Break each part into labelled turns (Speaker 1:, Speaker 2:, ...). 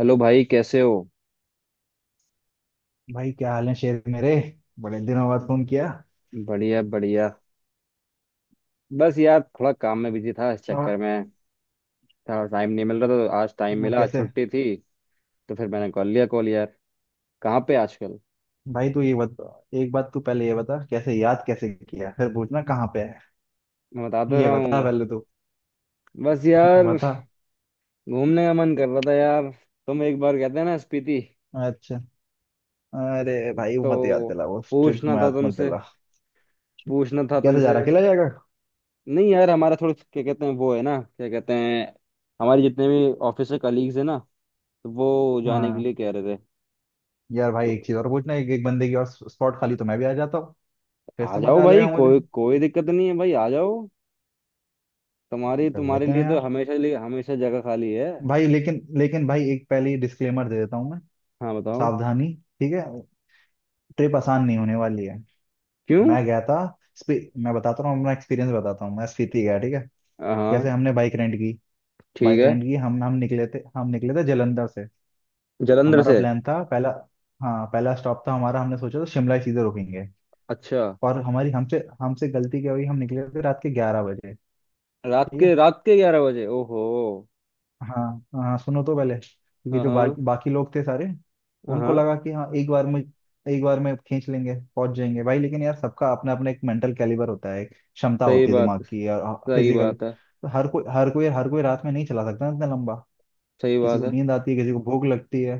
Speaker 1: Hello भाई, कैसे हो।
Speaker 2: भाई, क्या हाल है शेर मेरे। बड़े दिनों बाद फोन किया।
Speaker 1: बढ़िया बढ़िया। बस यार, थोड़ा काम में बिजी था इस चक्कर
Speaker 2: और
Speaker 1: में। थोड़ा टाइम नहीं मिल रहा था, तो आज टाइम
Speaker 2: और
Speaker 1: मिला, आज
Speaker 2: कैसे?
Speaker 1: छुट्टी थी। तो फिर मैंने कॉल लिया, कॉल यार। कहाँ पे आजकल?
Speaker 2: भाई तू ये बता। एक बात तू पहले ये बता, कैसे याद कैसे किया, फिर पूछना कहाँ पे है।
Speaker 1: मैं बताता
Speaker 2: ये
Speaker 1: रहा
Speaker 2: बता
Speaker 1: हूँ।
Speaker 2: पहले तू।
Speaker 1: बस यार।
Speaker 2: बता।
Speaker 1: घूमने का मन कर रहा था यार। तुम एक बार कहते हैं ना स्पीति।
Speaker 2: अच्छा। अरे
Speaker 1: इस-
Speaker 2: भाई, वो मत याद
Speaker 1: तो
Speaker 2: दिला वो ट्रिप,
Speaker 1: पूछना था
Speaker 2: मत मत
Speaker 1: तुमसे,
Speaker 2: दिला।
Speaker 1: पूछना था
Speaker 2: कैसे जा
Speaker 1: तुमसे।
Speaker 2: रहा? अकेला जाएगा?
Speaker 1: नहीं यार, हमारा थोड़ा क्या कहते हैं, वो है ना, क्या कहते हैं। हमारे जितने भी ऑफिस के कलीग्स है ना, तो वो जाने के
Speaker 2: हाँ।
Speaker 1: लिए कह रहे थे।
Speaker 2: यार भाई,
Speaker 1: तो
Speaker 2: एक चीज और पूछना, एक एक बंदे की और स्पॉट खाली तो मैं भी आ जाता हूँ। फिर
Speaker 1: आ
Speaker 2: से
Speaker 1: जाओ
Speaker 2: मजा आ
Speaker 1: भाई,
Speaker 2: जाएगा मुझे।
Speaker 1: कोई कोई दिक्कत नहीं है भाई, आ जाओ। तुम्हारी
Speaker 2: चल
Speaker 1: तुम्हारे
Speaker 2: लेते
Speaker 1: लिए
Speaker 2: हैं
Speaker 1: तो
Speaker 2: यार।
Speaker 1: हमेशा लिए हमेशा जगह खाली है।
Speaker 2: भाई, लेकिन लेकिन भाई, एक पहले डिस्क्लेमर दे देता हूँ मैं।
Speaker 1: हाँ बताओ।
Speaker 2: सावधानी। ठीक है। ट्रिप आसान नहीं होने वाली है।
Speaker 1: क्यों?
Speaker 2: मैं गया था। मैं बताता हूँ अपना एक्सपीरियंस बताता हूँ, मैं स्पीति गया, ठीक है।
Speaker 1: हाँ।
Speaker 2: जैसे हमने बाइक रेंट की।
Speaker 1: ठीक
Speaker 2: बाइक
Speaker 1: है।
Speaker 2: रेंट की, हम निकले थे, हम निकले थे जलंधर से।
Speaker 1: जलंधर
Speaker 2: हमारा
Speaker 1: से।
Speaker 2: प्लान था पहला। हाँ, पहला स्टॉप था हमारा, हमने सोचा था शिमला ही सीधे रुकेंगे।
Speaker 1: अच्छा।
Speaker 2: और हमारी हमसे हमसे गलती क्या हुई, हम निकले थे रात के 11 बजे।
Speaker 1: रात
Speaker 2: ठीक है।
Speaker 1: के रात के 11 बजे, ओहो।
Speaker 2: हाँ, हाँ, सुनो तो पहले, क्योंकि
Speaker 1: हाँ
Speaker 2: जो
Speaker 1: हाँ।
Speaker 2: बाकी बाकी लोग थे सारे,
Speaker 1: हाँ
Speaker 2: उनको
Speaker 1: हाँ।
Speaker 2: लगा कि हाँ एक बार में खींच लेंगे पहुंच जाएंगे भाई। लेकिन यार, सबका अपना अपना एक मेंटल कैलिबर होता है, एक क्षमता
Speaker 1: सही
Speaker 2: होती है
Speaker 1: बात।
Speaker 2: दिमाग की। और
Speaker 1: सही
Speaker 2: फिजिकल
Speaker 1: बात है।
Speaker 2: तो हर कोई रात में नहीं चला सकता ना, इतना लंबा।
Speaker 1: सही
Speaker 2: किसी
Speaker 1: बात
Speaker 2: को
Speaker 1: है।
Speaker 2: नींद आती है, किसी को भूख लगती है।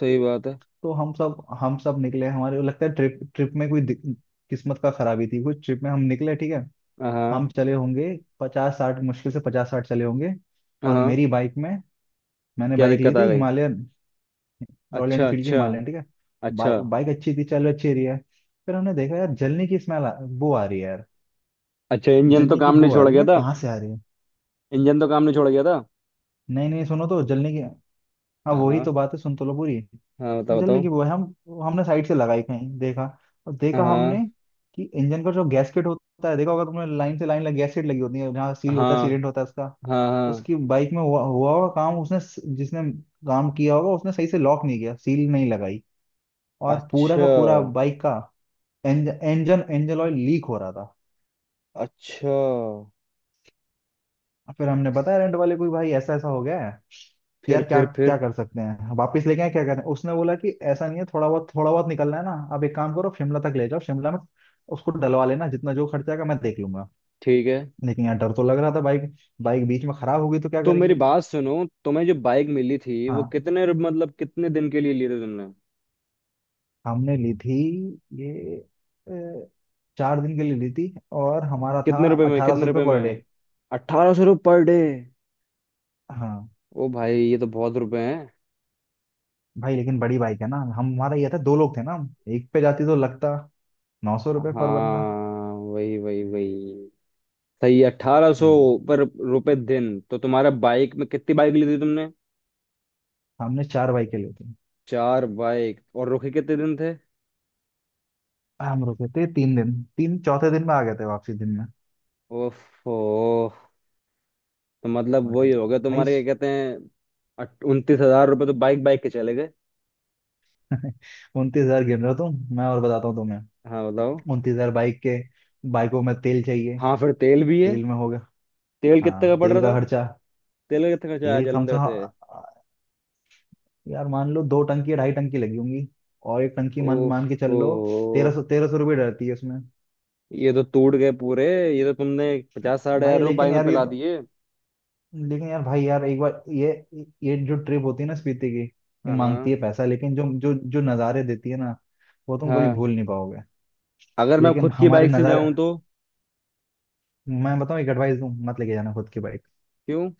Speaker 1: सही बात है।
Speaker 2: तो हम सब निकले। हमारे को लगता है ट्रिप ट्रिप में कोई किस्मत का खराबी थी कुछ, ट्रिप में हम निकले ठीक है।
Speaker 1: हाँ
Speaker 2: हम
Speaker 1: हाँ।
Speaker 2: चले होंगे 50 60, मुश्किल से 50 60 चले होंगे। और
Speaker 1: हाँ।
Speaker 2: मेरी बाइक में, मैंने
Speaker 1: क्या
Speaker 2: बाइक ली
Speaker 1: दिक्कत आ
Speaker 2: थी
Speaker 1: गई?
Speaker 2: हिमालयन, रॉयल
Speaker 1: अच्छा
Speaker 2: एनफील्ड की
Speaker 1: अच्छा।
Speaker 2: हिमालयन ठीक है।
Speaker 1: अच्छा।
Speaker 2: बाइक बाइक अच्छी थी, चलो अच्छी रही है। फिर हमने देखा, यार जलने की बू आ रही है यार।
Speaker 1: अच्छा, इंजन तो
Speaker 2: जलने की
Speaker 1: काम नहीं
Speaker 2: बू आ
Speaker 1: छोड़
Speaker 2: रही है,
Speaker 1: गया
Speaker 2: मैं
Speaker 1: था?
Speaker 2: कहाँ से आ रही है?
Speaker 1: इंजन तो काम नहीं छोड़ गया था?
Speaker 2: नहीं नहीं, सुनो तो जलने की, हाँ वही
Speaker 1: हाँ।
Speaker 2: तो बात है, सुन तो लो पूरी।
Speaker 1: हाँ बताओ
Speaker 2: जलने
Speaker 1: बताओ।
Speaker 2: की बू है। हम हमने साइड से लगाई, कहीं देखा। और देखा हमने
Speaker 1: हाँ
Speaker 2: कि इंजन का जो गैसकेट होता है, देखा होगा तुमने, लाइन से लाइन लग गैसकेट लगी होती है, जहाँ सील होता है,
Speaker 1: हाँ।
Speaker 2: सीलेंट होता है उसका।
Speaker 1: हाँ। हाँ।
Speaker 2: उसकी बाइक में हुआ हुआ होगा, काम उसने, जिसने काम किया होगा उसने सही से लॉक नहीं किया, सील नहीं लगाई। और पूरा
Speaker 1: अच्छा।
Speaker 2: का पूरा बाइक का एंज, इंजन इंजन ऑयल लीक हो रहा था।
Speaker 1: अच्छा।
Speaker 2: फिर हमने बताया रेंट वाले को, भाई ऐसा ऐसा हो गया है कि
Speaker 1: फिर?
Speaker 2: यार क्या
Speaker 1: फिर?
Speaker 2: क्या
Speaker 1: फिर?
Speaker 2: कर सकते हैं, वापस लेके आए क्या करें। उसने बोला कि ऐसा नहीं है, थोड़ा बहुत निकलना है ना, अब एक काम करो शिमला तक ले जाओ, शिमला में उसको डलवा लेना, जितना जो खर्चा आएगा मैं देख लूंगा।
Speaker 1: ठीक है।
Speaker 2: लेकिन यार डर तो लग रहा था बाइक बाइक बीच में खराब होगी तो क्या
Speaker 1: तो मेरी
Speaker 2: करेंगे।
Speaker 1: बात सुनो, तुम्हें जो बाइक मिली थी वो
Speaker 2: हाँ,
Speaker 1: कितने मतलब कितने दिन के लिए ली थी तुमने?
Speaker 2: हमने ली थी ये, अ, 4 दिन के लिए ली थी। और हमारा था
Speaker 1: कितने रुपए में,
Speaker 2: अठारह
Speaker 1: कितने
Speaker 2: सौ रुपये
Speaker 1: रुपए
Speaker 2: पर डे।
Speaker 1: में? 1800 रुपये पर डे?
Speaker 2: हाँ।
Speaker 1: ओ भाई, ये तो बहुत रुपए हैं।
Speaker 2: भाई लेकिन बड़ी बाइक है ना, हम हमारा ये था, दो लोग थे ना, हम एक पे जाती तो लगता 900 रुपये पर बंदा।
Speaker 1: हाँ, वही वही वही। सही, 1800
Speaker 2: हाँ।
Speaker 1: पर रुपए दिन। तो तुम्हारा बाइक में, कितनी बाइक ली थी तुमने?
Speaker 2: हमने चार बाइक लिए थे।
Speaker 1: 4 बाइक, और रुके कितने दिन थे?
Speaker 2: हम रुके थे 3 दिन, तीन चौथे दिन में आ गए थे, वापसी दिन में।
Speaker 1: ओफो। तो मतलब वही
Speaker 2: अरे
Speaker 1: हो गया
Speaker 2: भाई
Speaker 1: तुम्हारे, क्या कहते हैं, 29,000 रुपये तो बाइक बाइक के चले गए।
Speaker 2: 29,000 गिन रहे हो तुम, मैं और बताता हूँ तुम्हें।
Speaker 1: हाँ बताओ।
Speaker 2: 29,000 बाइक के, बाइकों में तेल चाहिए।
Speaker 1: हाँ फिर तेल भी है।
Speaker 2: तेल में हो गया।
Speaker 1: तेल कितने का
Speaker 2: हाँ
Speaker 1: पड़
Speaker 2: तेल
Speaker 1: रहा
Speaker 2: का
Speaker 1: था?
Speaker 2: खर्चा,
Speaker 1: तेल का कितना खर्चा आया
Speaker 2: तेल कम से
Speaker 1: जलंधर से?
Speaker 2: कम, यार मान लो दो टंकी या ढाई टंकी लगी होंगी। और एक टंकी मान मान के चल
Speaker 1: ओहो।
Speaker 2: लो, 1300 रुपये डरती है उसमें।
Speaker 1: ये तो टूट गए पूरे। ये तो तुमने 50-60 हजार
Speaker 2: भाई
Speaker 1: रुपये बाइक
Speaker 2: लेकिन
Speaker 1: में
Speaker 2: यार ये
Speaker 1: पिला
Speaker 2: तो,
Speaker 1: दिए।
Speaker 2: लेकिन यार भाई यार एक बार ये जो ट्रिप होती है ना स्पीति की,
Speaker 1: हाँ।
Speaker 2: ये मांगती है
Speaker 1: हाँ।
Speaker 2: पैसा। लेकिन जो जो जो नज़ारे देती है ना, वो तुम कभी
Speaker 1: हाँ।
Speaker 2: भूल नहीं पाओगे।
Speaker 1: अगर मैं
Speaker 2: लेकिन
Speaker 1: खुद की
Speaker 2: हमारे
Speaker 1: बाइक से
Speaker 2: नज़ारे,
Speaker 1: जाऊं तो?
Speaker 2: मैं बताऊँ, एक एडवाइस दूं, मत लेके जाना खुद की बाइक।
Speaker 1: क्यों?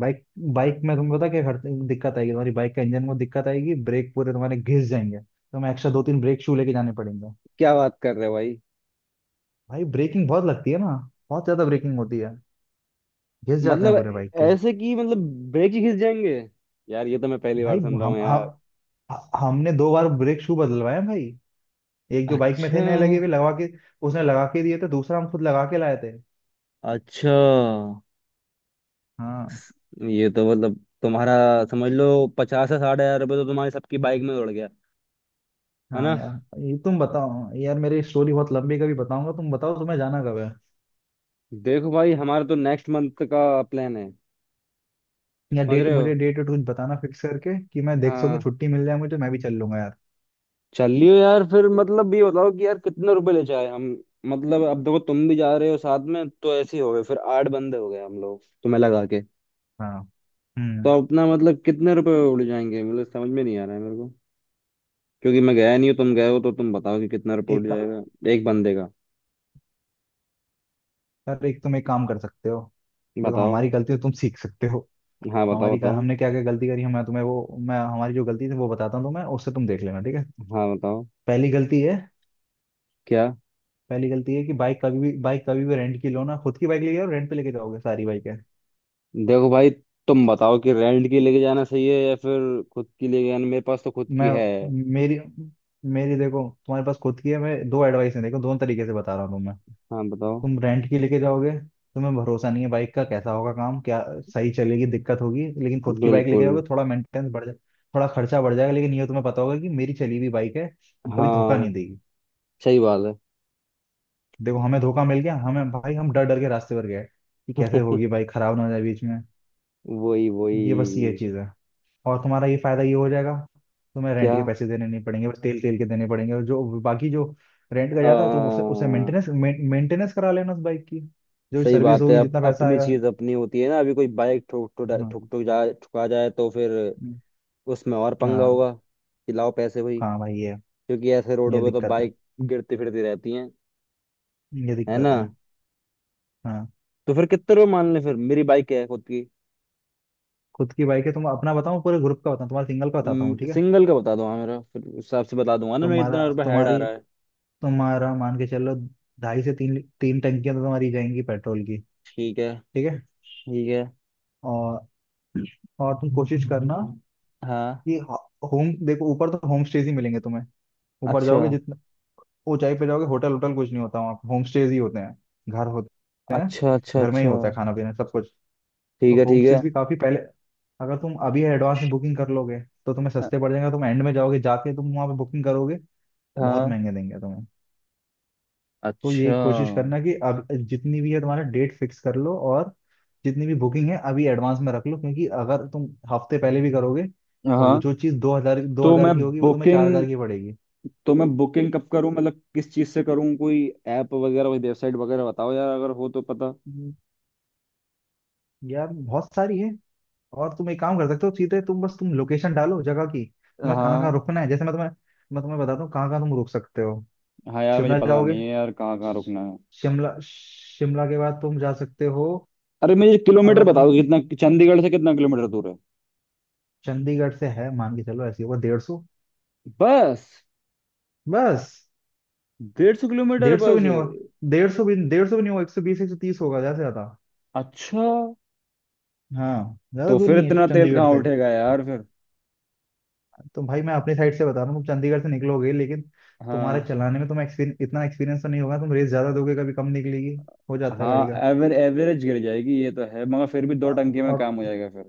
Speaker 2: बाइक बाइक में तुम्हें पता क्या दिक्कत आएगी, तुम्हारी बाइक का इंजन में दिक्कत आएगी, ब्रेक पूरे तुम्हारे घिस जाएंगे, तुम्हें एक्स्ट्रा दो तीन ब्रेक शू लेके जाने पड़ेंगे।
Speaker 1: क्या बात कर रहे हो भाई?
Speaker 2: भाई ब्रेकिंग बहुत लगती है ना, बहुत ज्यादा ब्रेकिंग होती है, घिस जाते
Speaker 1: मतलब,
Speaker 2: हैं पूरे बाइक के।
Speaker 1: ऐसे कि मतलब, ब्रेक ही खींच जाएंगे? यार, ये तो मैं पहली
Speaker 2: भाई
Speaker 1: बार सुन रहा हूँ यार।
Speaker 2: हम हमने दो बार ब्रेक शू बदलवाए हैं भाई। एक जो बाइक में
Speaker 1: अच्छा।
Speaker 2: थे नए लगे हुए लगा के, उसने लगा के दिए थे, दूसरा हम खुद लगा के लाए थे।
Speaker 1: अच्छा।
Speaker 2: हाँ।
Speaker 1: ये तो मतलब तुम्हारा, समझ लो 50 से 60 हजार रुपये तो तुम्हारी सबकी बाइक में उड़ गया, है ना?
Speaker 2: हाँ यार ये तुम बताओ। यार मेरी स्टोरी बहुत लंबी है, कभी बताऊंगा। तुम बताओ, तुम्हें जाना कब है,
Speaker 1: देखो भाई, हमारा तो नेक्स्ट मंथ का प्लान है।
Speaker 2: या
Speaker 1: समझ
Speaker 2: डेट,
Speaker 1: रहे हो?
Speaker 2: मुझे डेट कुछ बताना फिक्स करके, कि मैं देख सकूं
Speaker 1: हाँ।
Speaker 2: छुट्टी मिल जाए, मुझे तो मैं भी चल लूंगा यार।
Speaker 1: चल लियो यार, फिर मतलब ये बताओ कि यार कितने रुपए ले जाए हम। मतलब अब देखो, तुम भी जा रहे हो साथ में, तो ऐसे ही हो गए, फिर 8 बंदे हो गए हम लोग तुम्हें लगा के।
Speaker 2: हाँ।
Speaker 1: तो
Speaker 2: हम्म।
Speaker 1: अपना मतलब कितने रुपए उड़ जाएंगे, मतलब समझ में नहीं आ रहा है मेरे को। क्योंकि मैं गया नहीं हूँ, तुम गए हो, तो तुम बताओ कि कितना रुपये उड़
Speaker 2: एक का-
Speaker 1: जाएगा एक बंदे का।
Speaker 2: यार एक, तुम एक काम कर सकते हो। देखो
Speaker 1: बताओ।
Speaker 2: हमारी गलती है, तुम सीख सकते हो।
Speaker 1: हाँ बताओ
Speaker 2: हमारी का
Speaker 1: बताओ।
Speaker 2: हमने क्या क्या गलती करी है, मैं तुम्हें वो, मैं हमारी जो गलती थी वो बताता हूँ तुम्हें, उससे तुम देख लेना ठीक है।
Speaker 1: हाँ बताओ।
Speaker 2: पहली गलती है,
Speaker 1: क्या?
Speaker 2: पहली गलती है कि बाइक कभी भी रेंट की लो ना, खुद की बाइक ले आओ, रेंट पे लेके जाओगे सारी बाइक।
Speaker 1: देखो भाई, तुम बताओ कि रेंट की लेके जाना सही है या फिर खुद की लेके जाना? मेरे पास तो खुद की
Speaker 2: मैं
Speaker 1: है।
Speaker 2: मेरी मेरी देखो, तुम्हारे पास खुद की है, मैं दो एडवाइस है देखो, दोनों तरीके से बता रहा हूँ तुम्हें।
Speaker 1: हाँ बताओ।
Speaker 2: तुम रेंट की लेके जाओगे, तुम्हें भरोसा नहीं है बाइक का कैसा होगा काम, क्या सही चलेगी, दिक्कत होगी। लेकिन खुद की बाइक लेके
Speaker 1: बिल्कुल।
Speaker 2: जाओगे, थोड़ा मेंटेनेंस बढ़ जाए, थोड़ा खर्चा बढ़ जाएगा, लेकिन ये तुम्हें पता होगा कि मेरी चली हुई बाइक है, वो कभी धोखा
Speaker 1: हाँ।
Speaker 2: नहीं देगी।
Speaker 1: सही बात है।
Speaker 2: देखो हमें धोखा मिल गया हमें भाई, हम डर डर के रास्ते पर गए कि कैसे होगी बाइक, खराब ना हो जाए बीच में।
Speaker 1: वही वही।
Speaker 2: ये बस ये चीज है। और तुम्हारा ये फायदा ये हो जाएगा, तुम्हें रेंट
Speaker 1: क्या?
Speaker 2: के पैसे देने नहीं पड़ेंगे, बस तेल तेल के देने पड़ेंगे, और जो बाकी जो रेंट का जाता है तुम उसे उसे
Speaker 1: हाँ।
Speaker 2: मेंटेनेंस मेंटेनेंस करा लेना उस बाइक की, जो
Speaker 1: सही
Speaker 2: सर्विस
Speaker 1: बात है।
Speaker 2: होगी
Speaker 1: अब
Speaker 2: जितना पैसा
Speaker 1: अपनी
Speaker 2: आएगा।
Speaker 1: चीज अपनी होती है ना, अभी कोई बाइक ठोक ठुक
Speaker 2: हाँ।
Speaker 1: ठुक ठुक जा ठुका जाए तो फिर
Speaker 2: हम्म।
Speaker 1: उसमें और पंगा
Speaker 2: हाँ।
Speaker 1: होगा कि लाओ पैसे भाई।
Speaker 2: हाँ भाई ये
Speaker 1: क्योंकि ऐसे
Speaker 2: ये
Speaker 1: रोडों पे तो
Speaker 2: दिक्कत है,
Speaker 1: बाइक गिरती फिरती रहती हैं,
Speaker 2: ये
Speaker 1: है ना?
Speaker 2: दिक्कत है। हाँ।
Speaker 1: तो फिर कितने रुपये मान लें फिर, मेरी बाइक है खुद की।
Speaker 2: खुद की बाइक है, तुम अपना बताओ पूरे ग्रुप का बताओ, तुम्हारा सिंगल का बताता हूँ ठीक है।
Speaker 1: सिंगल का बता दो। हाँ, मेरा फिर उस हिसाब से बता दूंगा ना मैं,
Speaker 2: तुम्हारा
Speaker 1: कितना रुपये हेड आ
Speaker 2: तुम्हारी
Speaker 1: रहा है।
Speaker 2: तुम्हारा मान के चलो, ढाई से तीन तीन टंकियां तो तुम्हारी जाएंगी पेट्रोल की,
Speaker 1: ठीक है।
Speaker 2: ठीक है।
Speaker 1: ठीक है।
Speaker 2: और और तुम कोशिश करना
Speaker 1: हाँ।
Speaker 2: कि होम देखो, ऊपर तो होम स्टेज ही मिलेंगे तुम्हें। ऊपर
Speaker 1: अच्छा
Speaker 2: जाओगे जितना ऊंचाई पे जाओगे, होटल होटल कुछ नहीं होता वहाँ पे, होम स्टेज ही होते हैं, घर होते हैं,
Speaker 1: अच्छा अच्छा।
Speaker 2: घर में ही
Speaker 1: अच्छा।
Speaker 2: होता है खाना पीना सब कुछ। तो
Speaker 1: ठीक है
Speaker 2: होम
Speaker 1: ठीक है।
Speaker 2: स्टेज भी काफी पहले, अगर तुम अभी एडवांस में बुकिंग कर लोगे तो तुम्हें सस्ते
Speaker 1: अ-
Speaker 2: पड़ जाएगा। तुम एंड में जाओगे, जाके तुम वहां पे बुकिंग करोगे, बहुत
Speaker 1: हाँ।
Speaker 2: महंगे देंगे तुम्हें। तो
Speaker 1: अच्छा।
Speaker 2: ये कोशिश करना कि अब जितनी भी है तुम्हारा डेट फिक्स कर लो, और जितनी भी बुकिंग है अभी एडवांस में रख लो, क्योंकि अगर तुम हफ्ते पहले भी करोगे, वो
Speaker 1: हाँ।
Speaker 2: जो चीज़ दो
Speaker 1: तो
Speaker 2: हजार
Speaker 1: मैं
Speaker 2: की होगी वो तुम्हें चार
Speaker 1: बुकिंग
Speaker 2: हजार की पड़ेगी।
Speaker 1: तो मैं बुकिंग कब करूँ, मतलब किस चीज़ से करूँ? कोई ऐप वगैरह, कोई वेबसाइट वगैरह बताओ यार अगर हो तो पता।
Speaker 2: हम्म। यार बहुत सारी है, और तुम एक काम कर सकते हो। सीधे तुम बस तुम लोकेशन डालो जगह की, तुम्हें कहाँ कहाँ
Speaker 1: हाँ।
Speaker 2: रुकना है, जैसे मैं तुम्हें, मैं तुम्हें बताता हूँ कहाँ कहाँ तुम रुक सकते हो।
Speaker 1: हाँ यार, मुझे
Speaker 2: शिमला
Speaker 1: पता
Speaker 2: जाओगे,
Speaker 1: नहीं है यार कहाँ कहाँ रुकना है।
Speaker 2: शिमला शिमला के बाद तुम जा सकते हो,
Speaker 1: अरे मुझे किलोमीटर
Speaker 2: अगर तुम
Speaker 1: बताओ, कितना चंडीगढ़ से कितना किलोमीटर दूर है?
Speaker 2: चंडीगढ़ से है मान के चलो, ऐसी होगा 150।
Speaker 1: बस?
Speaker 2: बस।
Speaker 1: 150 किलोमीटर
Speaker 2: 150 भी
Speaker 1: बस?
Speaker 2: नहीं होगा, डेढ़ सौ भी नहीं होगा, 120 130 होगा ज्यादा से ज्यादा।
Speaker 1: अच्छा।
Speaker 2: हाँ, ज्यादा
Speaker 1: तो
Speaker 2: दूर
Speaker 1: फिर
Speaker 2: नहीं है
Speaker 1: इतना तेल
Speaker 2: चंडीगढ़
Speaker 1: कहाँ
Speaker 2: से।
Speaker 1: उठेगा यार फिर?
Speaker 2: तो भाई मैं अपनी साइड से बता रहा हूँ, तुम चंडीगढ़ से निकलोगे, लेकिन तुम्हारे
Speaker 1: हाँ।
Speaker 2: चलाने में तुम्हें एक्सपीरियंस, इतना एक्सपीरियंस तो नहीं होगा, तुम रेस ज्यादा दोगे कभी कम निकलेगी, हो जाता है गाड़ी
Speaker 1: हाँ,
Speaker 2: का।
Speaker 1: एवरेज गिर जाएगी ये तो है, मगर फिर भी 2
Speaker 2: और,
Speaker 1: टंकी में
Speaker 2: और
Speaker 1: काम हो जाएगा फिर।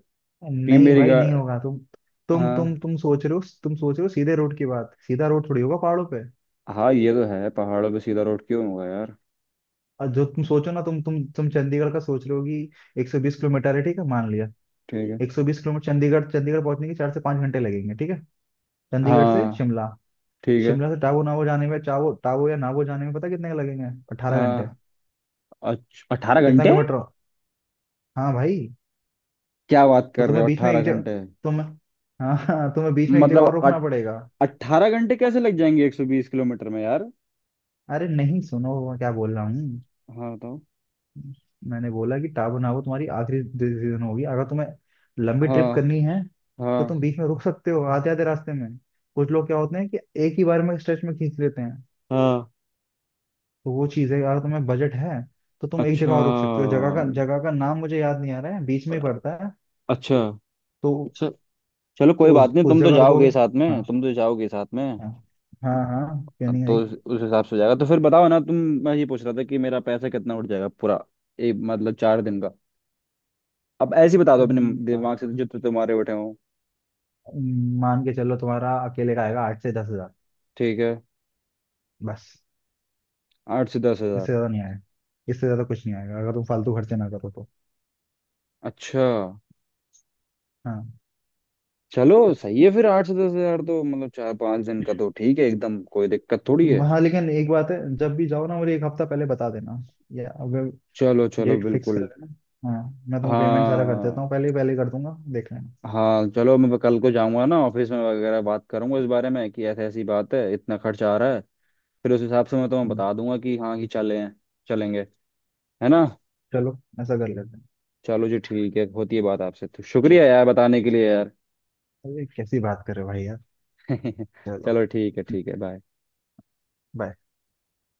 Speaker 1: कि
Speaker 2: नहीं
Speaker 1: मेरी
Speaker 2: भाई
Speaker 1: गा
Speaker 2: नहीं होगा तुम,
Speaker 1: हाँ।
Speaker 2: तुम सोच रहे हो, सीधे रोड की बात, सीधा रोड थोड़ी होगा पहाड़ों पे।
Speaker 1: हाँ ये तो है, पहाड़ों पे सीधा रोड क्यों होगा यार?
Speaker 2: और जो तुम सोचो ना, तुम चंडीगढ़ का सोच रहे हो कि 120 किलोमीटर है, ठीक है मान लिया,
Speaker 1: ठीक है।
Speaker 2: 120 किलोमीटर। चंडीगढ़ चंडीगढ़ पहुंचने के 4 से 5 घंटे लगेंगे ठीक है। चंडीगढ़ से
Speaker 1: हाँ
Speaker 2: शिमला,
Speaker 1: ठीक है।
Speaker 2: शिमला से टावो नावो जाने में, चावो टावो या नावो जाने में पता कितने लगेंगे? 18 घंटे।
Speaker 1: हाँ अच्छा, 18
Speaker 2: कितना
Speaker 1: घंटे?
Speaker 2: किलोमीटर? हाँ भाई।
Speaker 1: क्या बात
Speaker 2: तो
Speaker 1: कर रहे हो,
Speaker 2: तुम्हें बीच में
Speaker 1: 18
Speaker 2: एक जगह,
Speaker 1: घंटे?
Speaker 2: तुम हाँ हाँ, तुम्हें बीच में एक जगह और
Speaker 1: मतलब
Speaker 2: रुकना
Speaker 1: अट
Speaker 2: पड़ेगा।
Speaker 1: 18 घंटे कैसे लग जाएंगे 120 किलोमीटर में यार?
Speaker 2: अरे नहीं सुनो मैं क्या बोल रहा हूँ।
Speaker 1: हाँ बताओ।
Speaker 2: मैंने बोला कि टाबू नाबू तुम्हारी आखिरी डिसीजन होगी, अगर तुम्हें लंबी ट्रिप
Speaker 1: हाँ
Speaker 2: करनी है तो
Speaker 1: हाँ।
Speaker 2: तुम बीच में रुक सकते हो आधे आधे रास्ते में। कुछ लोग क्या होते हैं कि एक ही बार में स्ट्रेच में खींच लेते हैं।
Speaker 1: हाँ।
Speaker 2: तो वो चीज़ है, अगर तुम्हें बजट है तो तुम एक
Speaker 1: अच्छा
Speaker 2: जगह और रुक सकते हो, जगह का नाम मुझे याद नहीं आ रहा है, बीच में ही पड़ता है।
Speaker 1: अच्छा
Speaker 2: तो
Speaker 1: अच्छा। चलो
Speaker 2: तो
Speaker 1: कोई बात नहीं,
Speaker 2: उस
Speaker 1: तुम तो
Speaker 2: जगह रुकोगे।
Speaker 1: जाओगे साथ में,
Speaker 2: हाँ।
Speaker 1: तुम तो जाओगे साथ में।
Speaker 2: हाँ। हाँ हाँ, क्यों नहीं
Speaker 1: तो
Speaker 2: आई।
Speaker 1: उस हिसाब से हो जाएगा, तो फिर बताओ ना तुम। मैं ये पूछ रहा था कि मेरा पैसा कितना उठ जाएगा पूरा, एक मतलब 4 दिन का। अब ऐसे ही बता दो अपने
Speaker 2: हाँ,
Speaker 1: दिमाग से जितने तुम्हारे उठे हों।
Speaker 2: मान के चलो तुम्हारा अकेले का आएगा 8 से 10 हजार,
Speaker 1: ठीक है।
Speaker 2: बस।
Speaker 1: आठ से दस
Speaker 2: इससे
Speaker 1: हजार
Speaker 2: ज्यादा नहीं आएगा, इससे ज्यादा कुछ नहीं आएगा अगर तुम फालतू खर्चे ना करो तो।
Speaker 1: अच्छा।
Speaker 2: हाँ।
Speaker 1: चलो सही है फिर, 8 से 10 हजार तो मतलब 4-5 दिन का तो ठीक है, एकदम कोई दिक्कत थोड़ी है।
Speaker 2: हाँ लेकिन एक बात है, जब भी जाओ ना, मुझे 1 हफ्ता पहले बता देना, या अगर
Speaker 1: चलो चलो
Speaker 2: डेट फिक्स कर
Speaker 1: बिल्कुल।
Speaker 2: लेना। हाँ। मैं तुम्हें पेमेंट सारा कर देता
Speaker 1: हाँ।
Speaker 2: हूँ, पहले ही कर दूंगा, देख लेना।
Speaker 1: हाँ चलो, मैं कल को जाऊंगा ना ऑफिस में, वगैरह बात करूंगा इस बारे में कि ऐसी ऐसी बात है, इतना खर्च आ रहा है। फिर उस हिसाब से मैं तुम्हें
Speaker 2: हम्म।
Speaker 1: बता दूंगा कि हाँ कि चले हैं, चलेंगे, है ना?
Speaker 2: चलो ऐसा कर लेते हैं।
Speaker 1: चलो जी, ठीक है, होती है बात आपसे, तो शुक्रिया
Speaker 2: ठीक।
Speaker 1: यार बताने के लिए यार।
Speaker 2: अरे कैसी बात कर रहे हो भाई यार। चलो।
Speaker 1: चलो ठीक है, ठीक है, बाय।
Speaker 2: बाय।